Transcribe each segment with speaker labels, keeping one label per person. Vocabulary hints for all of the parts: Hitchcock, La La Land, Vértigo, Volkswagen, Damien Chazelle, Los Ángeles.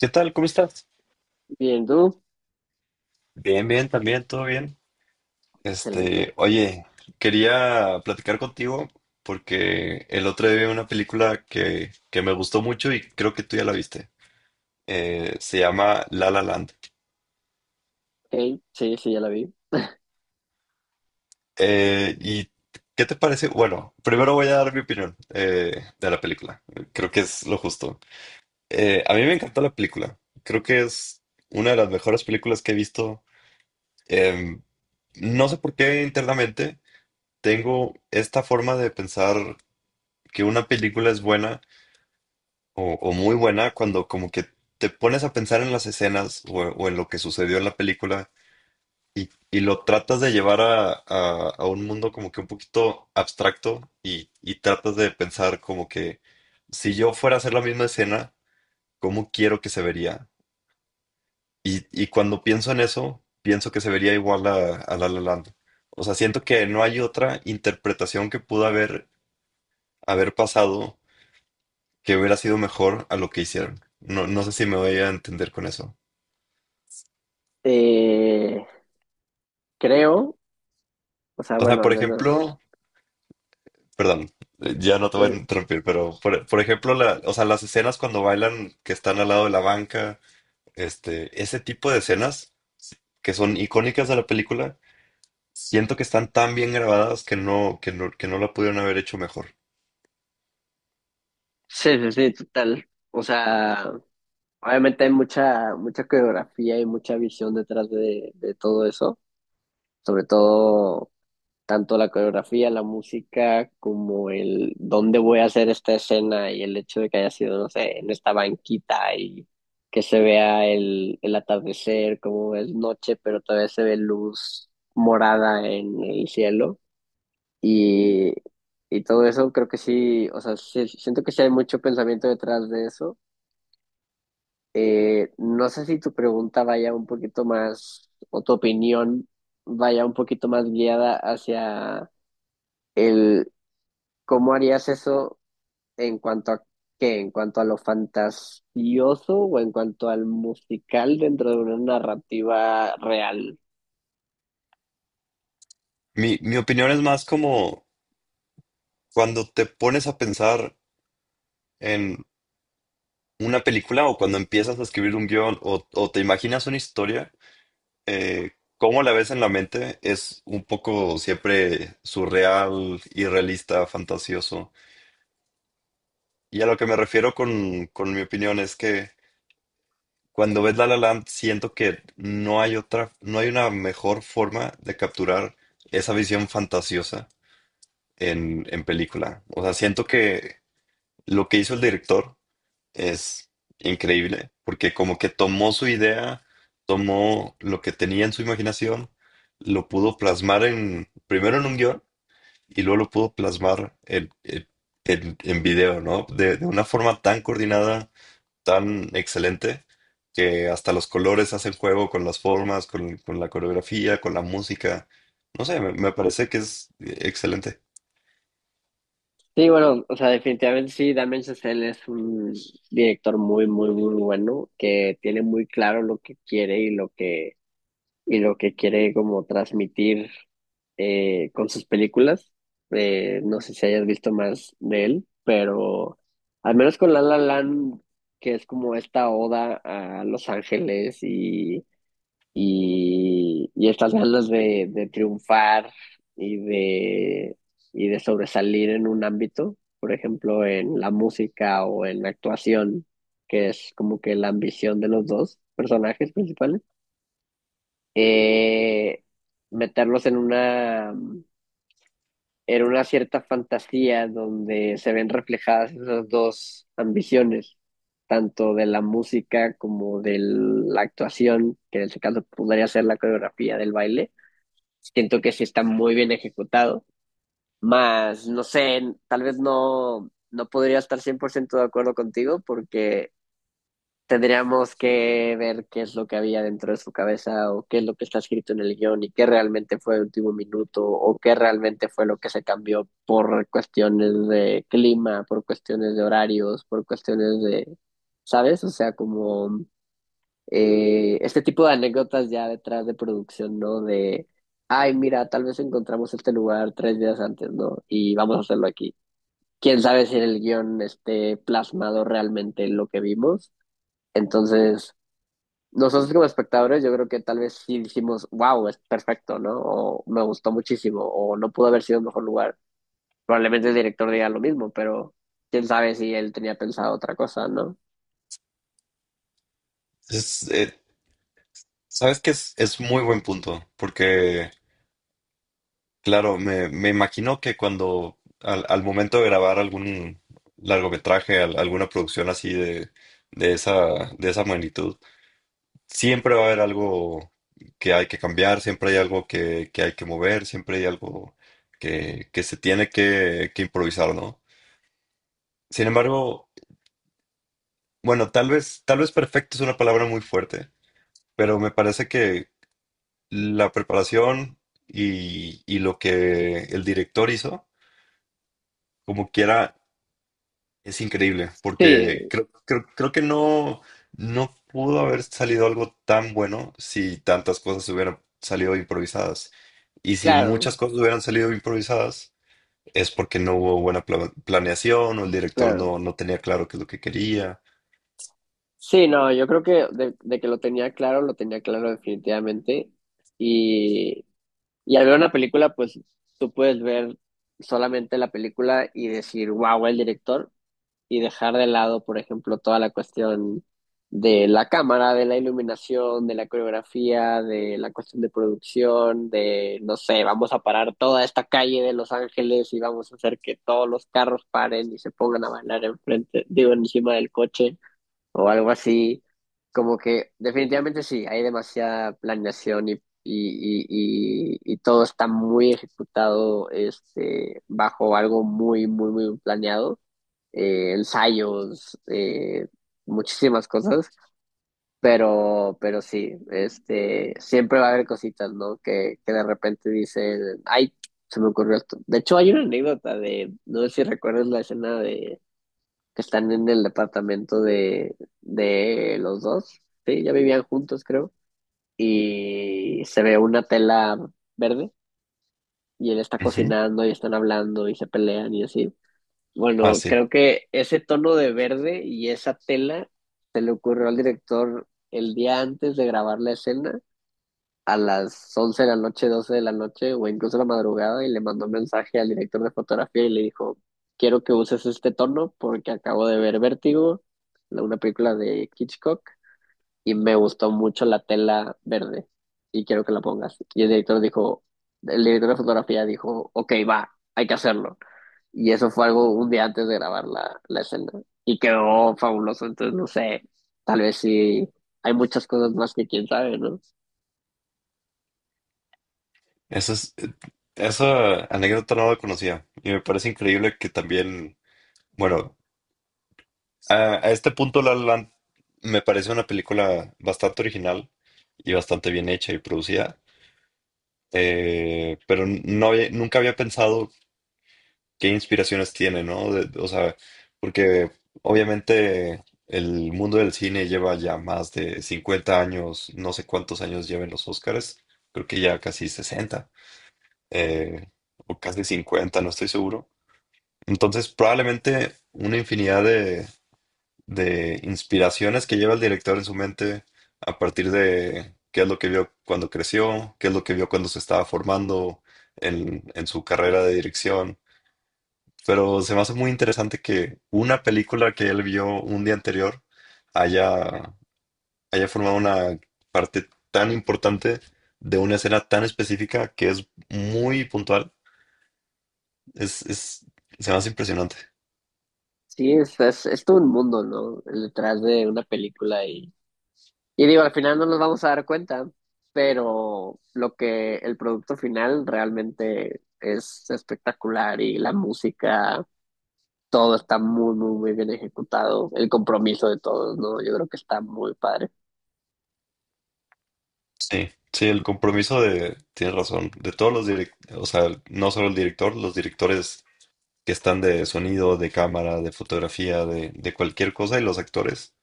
Speaker 1: ¿Qué tal? ¿Cómo estás?
Speaker 2: Bien, tú.
Speaker 1: Bien, bien, también, todo bien.
Speaker 2: Excelente.
Speaker 1: Oye, quería platicar contigo porque el otro día vi una película que me gustó mucho y creo que tú ya la viste. Se llama La La Land.
Speaker 2: Hey, sí, sí, ya la vi.
Speaker 1: ¿Y qué te parece? Bueno, primero voy a dar mi opinión de la película. Creo que es lo justo. A mí me encantó la película. Creo que es una de las mejores películas que he visto. Em, no sé por qué internamente. Tengo esta forma de pensar que una película es buena o muy buena cuando como que te pones a pensar en las escenas o en lo que sucedió en la película y lo tratas de llevar a un mundo como que un poquito abstracto y tratas de pensar como que si yo fuera a hacer la misma escena, ¿cómo quiero que se vería? Y cuando pienso en eso, pienso que se vería igual a La La Land. O sea, siento que no hay otra interpretación que pudo haber pasado que hubiera sido mejor a lo que hicieron. No, no sé si me voy a entender con eso.
Speaker 2: Eh, creo, o sea,
Speaker 1: O sea,
Speaker 2: bueno,
Speaker 1: por
Speaker 2: al menos.
Speaker 1: ejemplo, perdón, ya no te voy a
Speaker 2: eh,
Speaker 1: interrumpir, pero por ejemplo, o sea, las escenas cuando bailan que están al lado de la banca, ese tipo de escenas que son icónicas de la película, siento que están tan bien grabadas que no la pudieron haber hecho mejor.
Speaker 2: sí, sí, sí, total. O sea, obviamente hay mucha, mucha coreografía y mucha visión detrás de todo eso. Sobre todo, tanto la coreografía, la música, como el dónde voy a hacer esta escena y el hecho de que haya sido, no sé, en esta banquita y que se vea el atardecer, como es noche, pero todavía se ve luz morada en el cielo y, y todo eso creo que sí, o sea, siento que sí hay mucho pensamiento detrás de eso. No sé si tu pregunta vaya un poquito más, o tu opinión vaya un poquito más guiada hacia el, ¿Cómo harías eso en cuanto a qué? ¿En cuanto a lo fantasioso o en cuanto al musical dentro de una narrativa real?
Speaker 1: Mi opinión es más como cuando te pones a pensar en una película o cuando empiezas a escribir un guión o te imaginas una historia eh, cómo la ves en la mente es un poco siempre surreal, irrealista, fantasioso. Y a lo que me refiero con mi opinión es que cuando ves La La Land siento que no hay otra, no hay una mejor forma de capturar esa visión fantasiosa en película. O sea, siento que lo que hizo el director es increíble, porque como que tomó su idea, tomó lo que tenía en su imaginación, lo pudo plasmar primero en un guión y luego lo pudo plasmar en video, ¿no? De una forma tan coordinada, tan excelente, que hasta los colores hacen juego con las formas, con la coreografía, con la música. No sé, me parece que es excelente.
Speaker 2: Sí, bueno, o sea, definitivamente sí, Damien Chazelle es un director muy, muy, muy bueno que tiene muy claro lo que quiere y lo que quiere como transmitir con sus películas. No sé si hayas visto más de él, pero al menos con La La Land, que es como esta oda a Los Ángeles y estas ganas de triunfar y de, y de sobresalir en un ámbito, por ejemplo, en la música o en la actuación, que es como que la ambición de los dos personajes principales eh, meterlos en una cierta fantasía donde se ven reflejadas esas dos ambiciones, tanto de la música como de la actuación, que en este caso podría ser la coreografía del baile. Siento que sí está muy bien ejecutado, más no sé, tal vez no podría estar 100% de acuerdo contigo porque tendríamos que ver qué es lo que había dentro de su cabeza o qué es lo que está escrito en el guión y qué realmente fue el último minuto o qué realmente fue lo que se cambió por cuestiones de clima, por cuestiones de horarios, por cuestiones ¿sabes? O sea, como este tipo de anécdotas ya detrás de producción, ¿no? Ay, mira, tal vez encontramos este lugar 3 días antes, ¿no? Y vamos a hacerlo aquí. Quién sabe si en el guión esté plasmado realmente lo que vimos. Entonces, nosotros como espectadores, yo creo que tal vez sí dijimos, wow, es perfecto, ¿no? O me gustó muchísimo, o no pudo haber sido un mejor lugar. Probablemente el director diga lo mismo, pero quién sabe si él tenía pensado otra cosa, ¿no?
Speaker 1: Es, eh, ¿Sabes que es muy buen punto, porque... Claro, me imagino que cuando al momento de grabar algún largometraje, alguna producción así de esa magnitud, siempre va a haber algo que hay que cambiar, siempre hay algo que hay que mover, siempre hay algo que se tiene que improvisar, ¿no? Sin embargo, bueno, tal vez perfecto es una palabra muy fuerte, pero me parece que la preparación y lo que el director hizo, como quiera es increíble, porque
Speaker 2: Sí,
Speaker 1: creo que no, no pudo haber salido algo tan bueno si tantas cosas hubieran salido improvisadas. Y si
Speaker 2: claro,
Speaker 1: muchas cosas hubieran salido improvisadas, es porque no hubo buena planeación o el director
Speaker 2: claro.
Speaker 1: no, no tenía claro qué es lo que quería.
Speaker 2: Sí, no, yo creo que de que lo tenía claro definitivamente. Y, y al ver una película, pues tú puedes ver solamente la película y decir, wow, el director y dejar de lado, por ejemplo, toda la cuestión de la cámara, de la iluminación, de la coreografía, de la cuestión de producción, no sé, vamos a parar toda esta calle de Los Ángeles y vamos a hacer que todos los carros paren y se pongan a bailar enfrente, digo, encima del coche o algo así. Como que definitivamente sí, hay demasiada planeación y todo está muy ejecutado bajo algo muy, muy, muy planeado ensayos, muchísimas cosas, pero sí, siempre va a haber cositas, ¿no? Que de repente dicen, ay, se me ocurrió esto. De hecho, hay una anécdota no sé si recuerdas la escena de que están en el departamento de los dos, sí, ya vivían juntos, creo, y se ve una tela verde y él está
Speaker 1: Ujú.
Speaker 2: cocinando y están hablando y se pelean y así.
Speaker 1: Ah,
Speaker 2: Bueno,
Speaker 1: sí.
Speaker 2: creo que ese tono de verde y esa tela se le ocurrió al director el día antes de grabar la escena, a las 11 de la noche, 12 de la noche o incluso la madrugada, y le mandó un mensaje al director de fotografía y le dijo, quiero que uses este tono porque acabo de ver Vértigo, una película de Hitchcock, y me gustó mucho la tela verde y quiero que la pongas. Y el director dijo, el director de fotografía dijo, ok, va, hay que hacerlo. Y eso fue algo un día antes de grabar la escena. Y quedó fabuloso. Entonces, no sé, tal vez sí hay muchas cosas más que quién sabe, ¿no?
Speaker 1: Eso es, esa anécdota no la conocía. Y me parece increíble que también, bueno, a este punto, La La Land me parece una película bastante original y bastante bien hecha y producida, pero nunca había pensado qué inspiraciones tiene, ¿no? O sea, porque obviamente el mundo del cine lleva ya más de 50 años, no sé cuántos años lleven los Óscares, creo que ya casi 60 eh, o casi 50 no estoy seguro. Entonces, probablemente una infinidad de inspiraciones que lleva el director en su mente a partir de qué es lo que vio cuando creció, qué es lo que vio cuando se estaba formando en su carrera de dirección. Pero se me hace muy interesante que una película que él vio un día anterior haya, haya formado una parte tan importante de una escena tan específica que es muy puntual. Es, es, Se me hace impresionante.
Speaker 2: Sí, es todo un mundo, ¿no? El detrás de una película. Y digo, al final no nos vamos a dar cuenta, pero lo que el producto final realmente es espectacular y la música, todo está muy, muy, muy bien ejecutado. El compromiso de todos, ¿no? Yo creo que está muy padre.
Speaker 1: Sí, sí, el compromiso de, tienes razón, de todos los directores, o sea, no solo el director, los directores que están de sonido, de cámara, de fotografía, de cualquier cosa y los actores,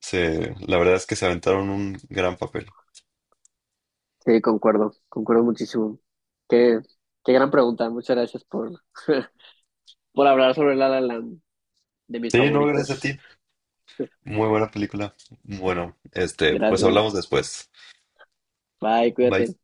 Speaker 1: la verdad es que se aventaron un gran papel.
Speaker 2: Sí, concuerdo, concuerdo muchísimo. Qué, qué gran pregunta. Muchas gracias por, por hablar sobre La La Land, de mis
Speaker 1: Sí, no, gracias a
Speaker 2: favoritas.
Speaker 1: ti. Muy buena película. Bueno, pues
Speaker 2: Gracias.
Speaker 1: hablamos después.
Speaker 2: Bye,
Speaker 1: Bye.
Speaker 2: cuídate.